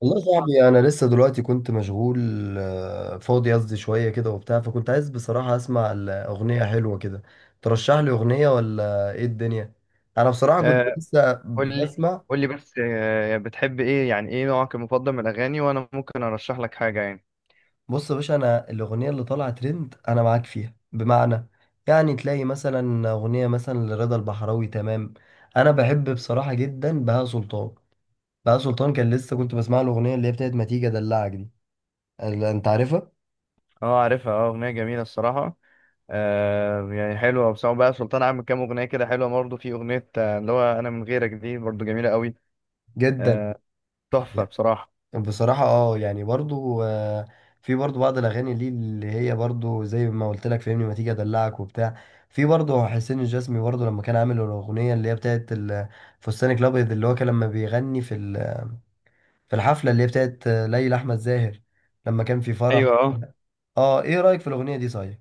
والله يا صاحبي انا لسه دلوقتي كنت مشغول. فاضي قصدي شويه كده وبتاع، فكنت عايز بصراحه اسمع الاغنيه حلوه كده. ترشح لي اغنيه ولا ايه الدنيا؟ انا بصراحه كنت آه، لسه قول لي بسمع. قول لي بس بتحب ايه، يعني ايه نوعك المفضل من الاغاني وانا ممكن ارشح لك حاجه يعني. بص يا باشا، انا الاغنيه اللي طالعه ترند انا معاك فيها، بمعنى يعني تلاقي مثلا اغنيه مثلا لرضا البحراوي، تمام. انا بحب بصراحه جدا بهاء سلطان. بهاء سلطان كان لسه كنت بسمع له الاغنيه اللي هي بتاعت ما تيجي ادلعك دي. انت عارفها اه عارفها، اه اغنيه جميله الصراحه. آه يعني حلوه، وسواء بقى سلطان عامل كام اغنيه كده حلوه برضه، في اغنيه اللي هو انا من غيرك دي برضه جميله قوي. جدا. آه، تحفه بصراحه. بصراحة اه يعني برضو، في برضو بعض الأغاني ليه اللي هي برضو زي ما قلت لك، فهمني، ما تيجي أدلعك وبتاع. في برضو حسين الجسمي، برضو لما كان عامل الأغنية اللي هي بتاعت فستانك الأبيض، اللي هو كان لما بيغني في في الحفلة اللي هي بتاعت ليلى أحمد زاهر، لما كان في فرح. ايوه اه، اه ايه رأيك في الأغنية دي صحيح؟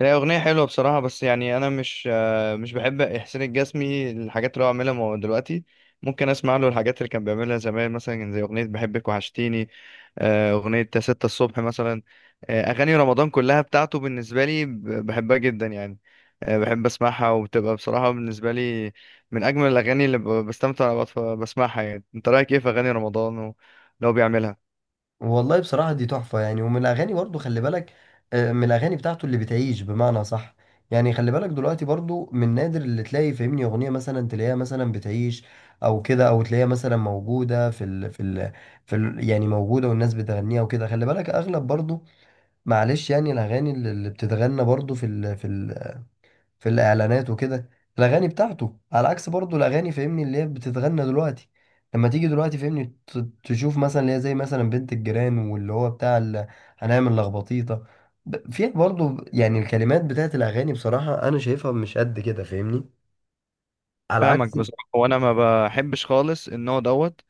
هي اغنيه حلوه بصراحه، بس يعني انا مش بحب احسان الجسمي الحاجات اللي هو عاملها دلوقتي. ممكن اسمع له الحاجات اللي كان بيعملها زمان، مثلا زي اغنيه بحبك وحشتيني، أغنية يا ستة الصبح مثلا. أغاني رمضان كلها بتاعته بالنسبة لي بحبها جدا يعني. بحب أسمعها، وبتبقى بصراحة بالنسبة لي من أجمل الأغاني اللي بستمتع وأنا بسمعها يعني. أنت رأيك إيه في أغاني رمضان واللي هو بيعملها؟ والله بصراحة دي تحفة يعني، ومن الأغاني برضو خلي بالك، من الأغاني بتاعته اللي بتعيش، بمعنى صح. يعني خلي بالك دلوقتي برضو من نادر اللي تلاقي فاهمني أغنية مثلا تلاقيها مثلا بتعيش، أو كده، أو تلاقيها مثلا موجودة في ال يعني موجودة، والناس بتغنيها وكده. خلي بالك أغلب برضو، معلش يعني، الأغاني اللي بتتغنى برضو في ال في الاعلانات وكده، الاغاني بتاعته، على عكس برضو الاغاني فاهمني اللي هي بتتغنى دلوقتي. لما تيجي دلوقتي فاهمني تشوف مثلا اللي هي زي مثلا بنت الجيران، واللي هو بتاع هنعمل لخبطيطه، فيها برضو يعني الكلمات بتاعت الاغاني بصراحه انا شايفها مش قد كده، فاهمني، على عكس. فاهمك بصراحة، وأنا ما بحبش خالص النوع دوت.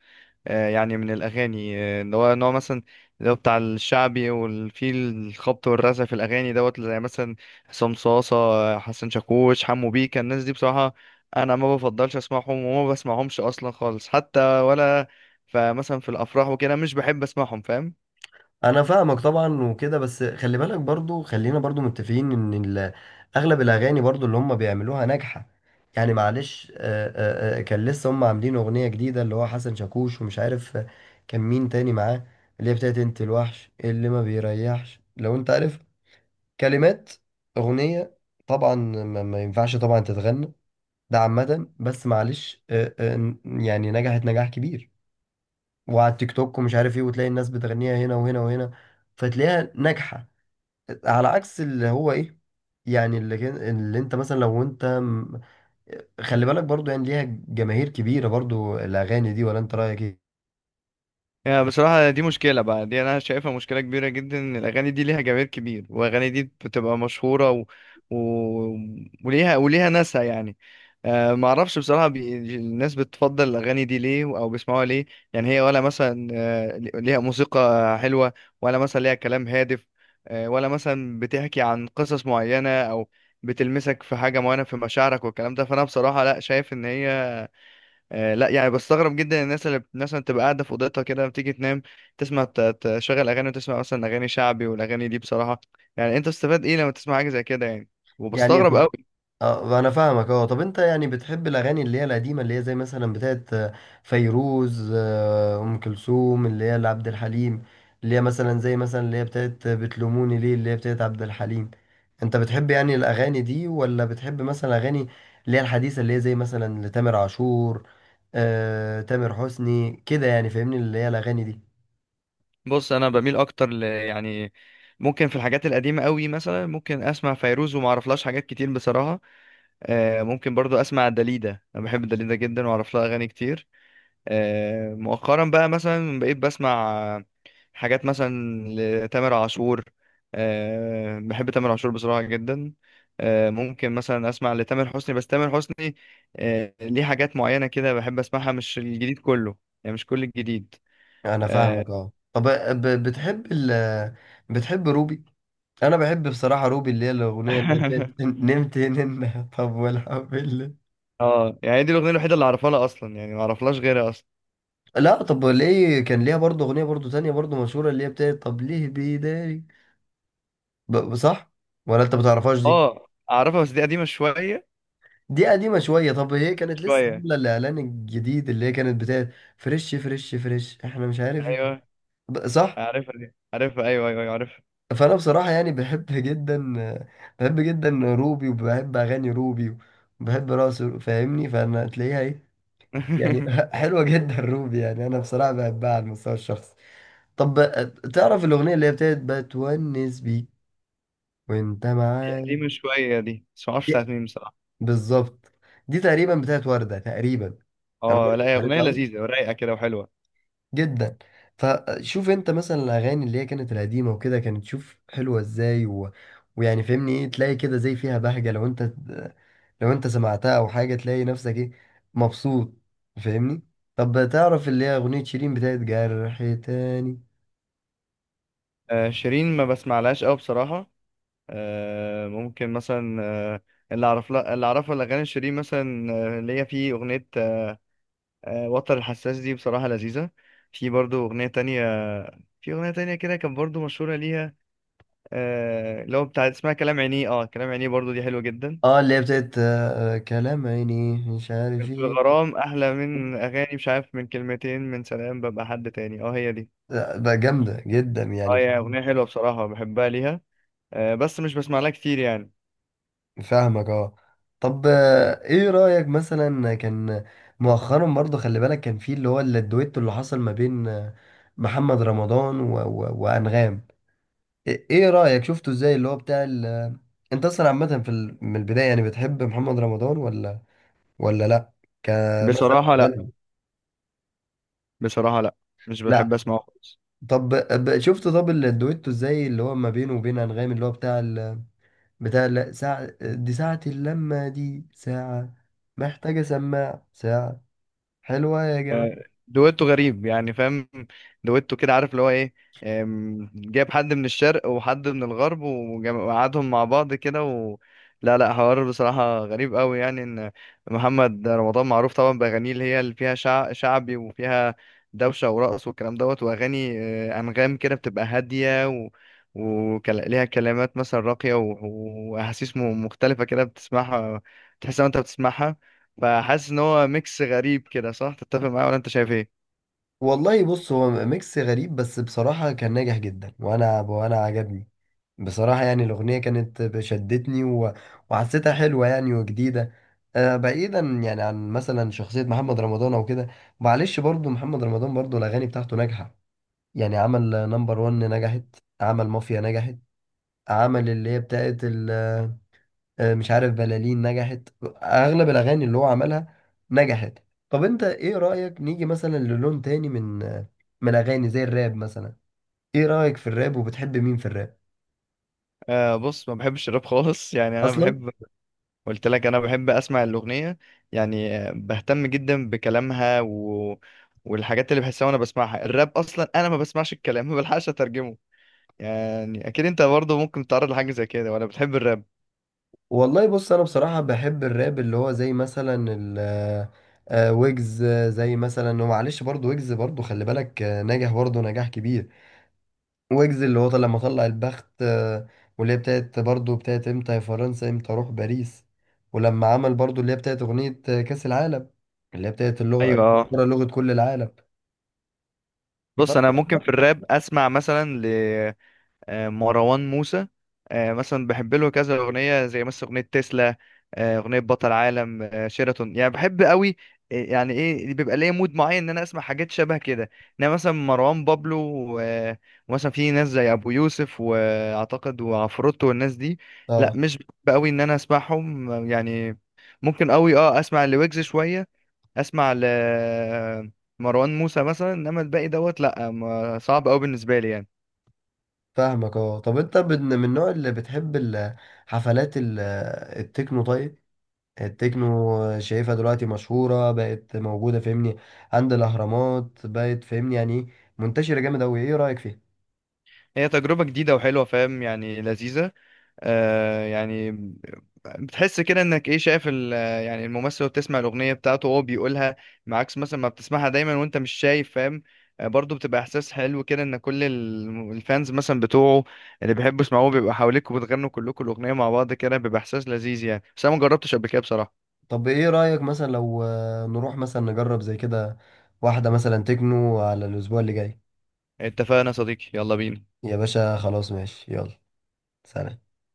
يعني من الأغاني اللي هو نوع مثلا اللي هو بتاع الشعبي، وفي الخبط والرزع في الأغاني دوت، زي مثلا حسام صاصة، حسن شاكوش، حمو بيكا. الناس دي بصراحة أنا ما بفضلش أسمعهم، وما بسمعهمش أصلا خالص حتى، ولا فمثلا في الأفراح وكده مش بحب أسمعهم، فاهم انا فاهمك طبعا وكده، بس خلي بالك برضو، خلينا برضو متفقين ان اغلب الاغاني برضو اللي هم بيعملوها ناجحه. يعني معلش، كان لسه هم عاملين اغنيه جديده اللي هو حسن شاكوش ومش عارف كان مين تاني معاه، اللي هي بتاعت انت الوحش اللي ما بيريحش، لو انت عارف كلمات اغنيه طبعا ما ينفعش طبعا تتغنى. ده عامه، بس معلش، يعني نجحت نجاح كبير، وعلى التيك توك ومش عارف ايه، وتلاقي الناس بتغنيها هنا وهنا وهنا، فتلاقيها ناجحة. على عكس اللي هو ايه يعني اللي انت مثلا لو خلي بالك برضو يعني ليها جماهير كبيرة برضو الأغاني دي، ولا انت رأيك؟ يعني. بصراحة دي مشكلة بقى، دي أنا شايفها مشكلة كبيرة جدا، إن الأغاني دي ليها جماهير كبير، والأغاني دي بتبقى مشهورة و... وليها وليها ناسها يعني. أه معرفش بصراحة الناس بتفضل الأغاني دي ليه أو بيسمعوها ليه. يعني هي ولا مثلا ليها موسيقى حلوة، ولا مثلا ليها كلام هادف، أه ولا مثلا بتحكي عن قصص معينة، أو بتلمسك في حاجة معينة في مشاعرك والكلام ده. فأنا بصراحة لأ شايف إن هي آه لا، يعني بستغرب جدا الناس اللي مثلا تبقى قاعده في اوضتها كده بتيجي تنام، تسمع تشغل اغاني وتسمع مثلا اغاني شعبي، والاغاني دي بصراحه يعني انت بتستفاد ايه لما تسمع حاجه زي كده يعني. يعني وبستغرب طب، قوي. اه انا فاهمك. اه طب انت يعني بتحب الاغاني اللي هي القديمه، اللي هي زي مثلا بتاعت فيروز، ام كلثوم، اللي هي لعبد الحليم، اللي هي مثلا زي مثلا اللي هي بتاعت بتلوموني ليه اللي هي بتاعت عبد الحليم؟ انت بتحب يعني الاغاني دي، ولا بتحب مثلا اغاني اللي هي الحديثه اللي هي زي مثلا لتامر عاشور، تامر حسني كده يعني، فاهمني، اللي هي الاغاني دي؟ بص انا بميل اكتر ل يعني ممكن في الحاجات القديمه قوي، مثلا ممكن اسمع فيروز وما اعرفلهاش حاجات كتير بصراحه. آه ممكن برضو اسمع داليدا، انا بحب داليدا جدا واعرف لها اغاني كتير. آه مؤخرا بقى مثلا بقيت بسمع حاجات مثلا لتامر عاشور. أه بحب تامر عاشور بصراحة جدا. أه ممكن مثلا أسمع لتامر حسني، بس تامر حسني أه ليه حاجات معينة كده بحب أسمعها، مش الجديد كله، يعني مش كل الجديد. انا اه فاهمك اه. طب بتحب ال، بتحب روبي؟ انا بحب بصراحه روبي، اللي هي الاغنيه اللي هي بتاعت نمت هنا طب والحمد لله. يعني دي الأغنية الوحيدة اللي أعرفها لها أصلا، يعني ما أعرفلهاش غيرها أصلا. لا طب ليه، كان ليها برضه اغنيه برضه تانية برضه مشهوره، اللي هي بتاعت طب ليه بيداري، صح، ولا انت بتعرفهاش دي؟ اه أعرفها، بس دي قديمة شوية. دي قديمه شويه. طب هي كانت لسه شوية. عامله الاعلان الجديد اللي هي كانت بتاعت فريش فريش فريش احنا مش عارف ايه، أيوه صح؟ عارفها، دي عارفها، أيوه أيوه أيوه عارفها. فانا بصراحه يعني بحب جدا، بحب جدا روبي، وبحب اغاني روبي، وبحب رقص فاهمني، فانا تلاقيها ايه يعني حلوة جدا روبي، يعني أنا بصراحة بحبها على المستوى الشخصي. طب تعرف الأغنية اللي هي بتاعت بتونس بيك وأنت دي معايا؟ قديمة شوية، دي بس معرفش دي- بتاعت مين بصراحة. بالظبط، دي تقريبا بتاعت وردة تقريبا. أنا اه برضه لا، مش هي أغنية عارفها أوي لذيذة ورايقة كده وحلوة. جدا. فشوف أنت مثلا الأغاني اللي هي كانت القديمة وكده، كانت شوف حلوة إزاي، و... ويعني فهمني إيه، تلاقي كده زي فيها بهجة، لو أنت لو أنت سمعتها أو حاجة تلاقي نفسك إيه، مبسوط، فاهمني. طب تعرف اللي هي أغنية شيرين بتاعت جرح؟ تاني شيرين ما بسمعلهاش قوي بصراحة. آه، ممكن مثلا آه، اللي اعرف لها، اللي اعرفه الاغاني شيرين مثلا اللي هي في اغنية وتر الحساس، دي بصراحة لذيذة. في برضو اغنية تانية، في اغنية تانية كده كان برضو مشهورة ليها اللي هو بتاع اسمها كلام عينيه. اه كلام عينيه برضو دي حلوة جدا. اه اللي هي بتاعت كلام عيني مش عارف في ايه، الغرام احلى من اغاني مش عارف، من كلمتين من سلام ببقى حد تاني، اه هي دي. بقى جامدة جدا اه يعني. هي اغنية حلوة بصراحة، بحبها ليها، بس مش بسمع لها كتير يعني. فاهمك اه. طب ايه رأيك مثلا، كان مؤخرا برضه خلي بالك كان في اللي هو الدويتو اللي حصل ما بين محمد رمضان و وأنغام، ايه إيه رأيك شفته ازاي اللي هو بتاع ال... انت اصلا عامة في ال... من البداية يعني بتحب محمد رمضان، ولا ولا لا كمثلا بصراحة لا. غني؟ بصراحة لا، مش بحب لا، اسمعه خالص. طب شفت طب الدويتو ازاي اللي هو ما بينه وبين أنغام اللي هو بتاع ال... بتاع لا ساعة دي ساعة اللمة دي ساعة محتاجة سماع ساعة، حلوة يا آه، جماعة. دويتو غريب يعني، فاهم؟ دويتو كده عارف اللي هو ايه. جايب حد من الشرق وحد من الغرب وقعدهم مع بعض كده لا لا، حوار بصراحة غريب قوي، يعني ان محمد رمضان معروف طبعا بأغانيه اللي هي اللي فيها شعبي وفيها دوشة ورقص والكلام دوت، وأغاني أنغام كده بتبقى هادية وليها كلمات مثلا راقية وأحاسيس مختلفة كده بتسمعها تحس إن أنت بتسمعها. فحاسس ان هو ميكس غريب كده، صح؟ تتفق معايا، ولا انت شايف ايه؟ والله بص، هو ميكس غريب بس بصراحة كان ناجح جدا، وأنا عجبني بصراحة يعني، الأغنية كانت شدتني و... وحسيتها حلوة يعني وجديدة. آه بعيدا يعني عن مثلا شخصية محمد رمضان أو كده، معلش برضو محمد رمضان برضو الأغاني بتاعته ناجحة يعني. عمل نمبر ون نجحت، عمل مافيا نجحت، عمل اللي هي بتاعت ال مش عارف بلالين نجحت، اغلب الاغاني اللي هو عملها نجحت. طب انت ايه رأيك نيجي مثلا للون تاني من من الاغاني زي الراب مثلا؟ ايه رأيك في الراب، وبتحب مين في الراب آه بص ما بحبش الراب خالص يعني انا اصلا؟ بحب، قلت لك انا بحب اسمع الاغنيه، يعني بهتم جدا بكلامها والحاجات اللي بحسها وانا بسمعها. الراب اصلا انا ما بسمعش الكلام، ما بلحقش اترجمه يعني. اكيد انت برضه ممكن تتعرض لحاجه زي كده، ولا بتحب الراب؟ والله بص، انا بصراحة بحب الراب اللي هو زي مثلا ال ويجز، زي مثلا، ومعلش برضو ويجز برضو خلي بالك نجح برضو نجاح كبير. ويجز اللي هو طلع، لما طلع البخت، واللي هي بتاعت برضه بتاعت امتى يا فرنسا امتى اروح باريس، ولما عمل برضه اللي هي بتاعت اغنية كأس العالم اللي هي بتاعت اللغة، ايوه اه. كرة لغة كل العالم، بص فاهم؟ انا ممكن في الراب اسمع مثلا مروان موسى. مثلا بحب له كذا اغنيه، زي مثلا اغنيه تسلا، اغنيه بطل عالم، شيراتون، يعني بحب قوي. يعني ايه بيبقى ليا مود معين ان انا اسمع حاجات شبه كده. انما مثلا مروان بابلو و- ومثلا في ناس زي ابو يوسف واعتقد وعفروتو والناس دي، لا اه مش بحب قوي ان انا اسمعهم يعني. ممكن قوي اه اسمع لويجز شويه، اسمع ل مروان موسى مثلا، انما الباقي دوت لا، صعب قوي بالنسبه لي يعني. فاهمك اه. طب انت من من النوع اللي بتحب حفلات التكنو؟ طيب التكنو شايفها دلوقتي مشهورة بقت، موجودة فاهمني عند الأهرامات بقت، فاهمني يعني إيه؟ منتشرة جامد أوي، إيه رأيك فيها؟ هي تجربة جديدة وحلوة، فاهم يعني، لذيذة. آه يعني بتحس كده انك ايه، شايف يعني الممثل وهو بتسمع الأغنية بتاعته وهو بيقولها معاكس، مثلا ما بتسمعها دايما وانت مش شايف، فاهم؟ آه برضه بتبقى احساس حلو كده، ان كل الفانز مثلا بتوعه اللي بيحبوا يسمعوه بيبقى حواليك، وبتغنوا كلكم الأغنية مع بعض كده، بيبقى احساس لذيذ يعني. بس انا ما جربتش قبل كده بصراحة. طب ايه رأيك مثلا لو نروح مثلا نجرب زي كده واحدة مثلا تكنو على الأسبوع اللي جاي؟ اتفقنا يا صديقي، يلا بينا. يا باشا خلاص ماشي، يلا سلام.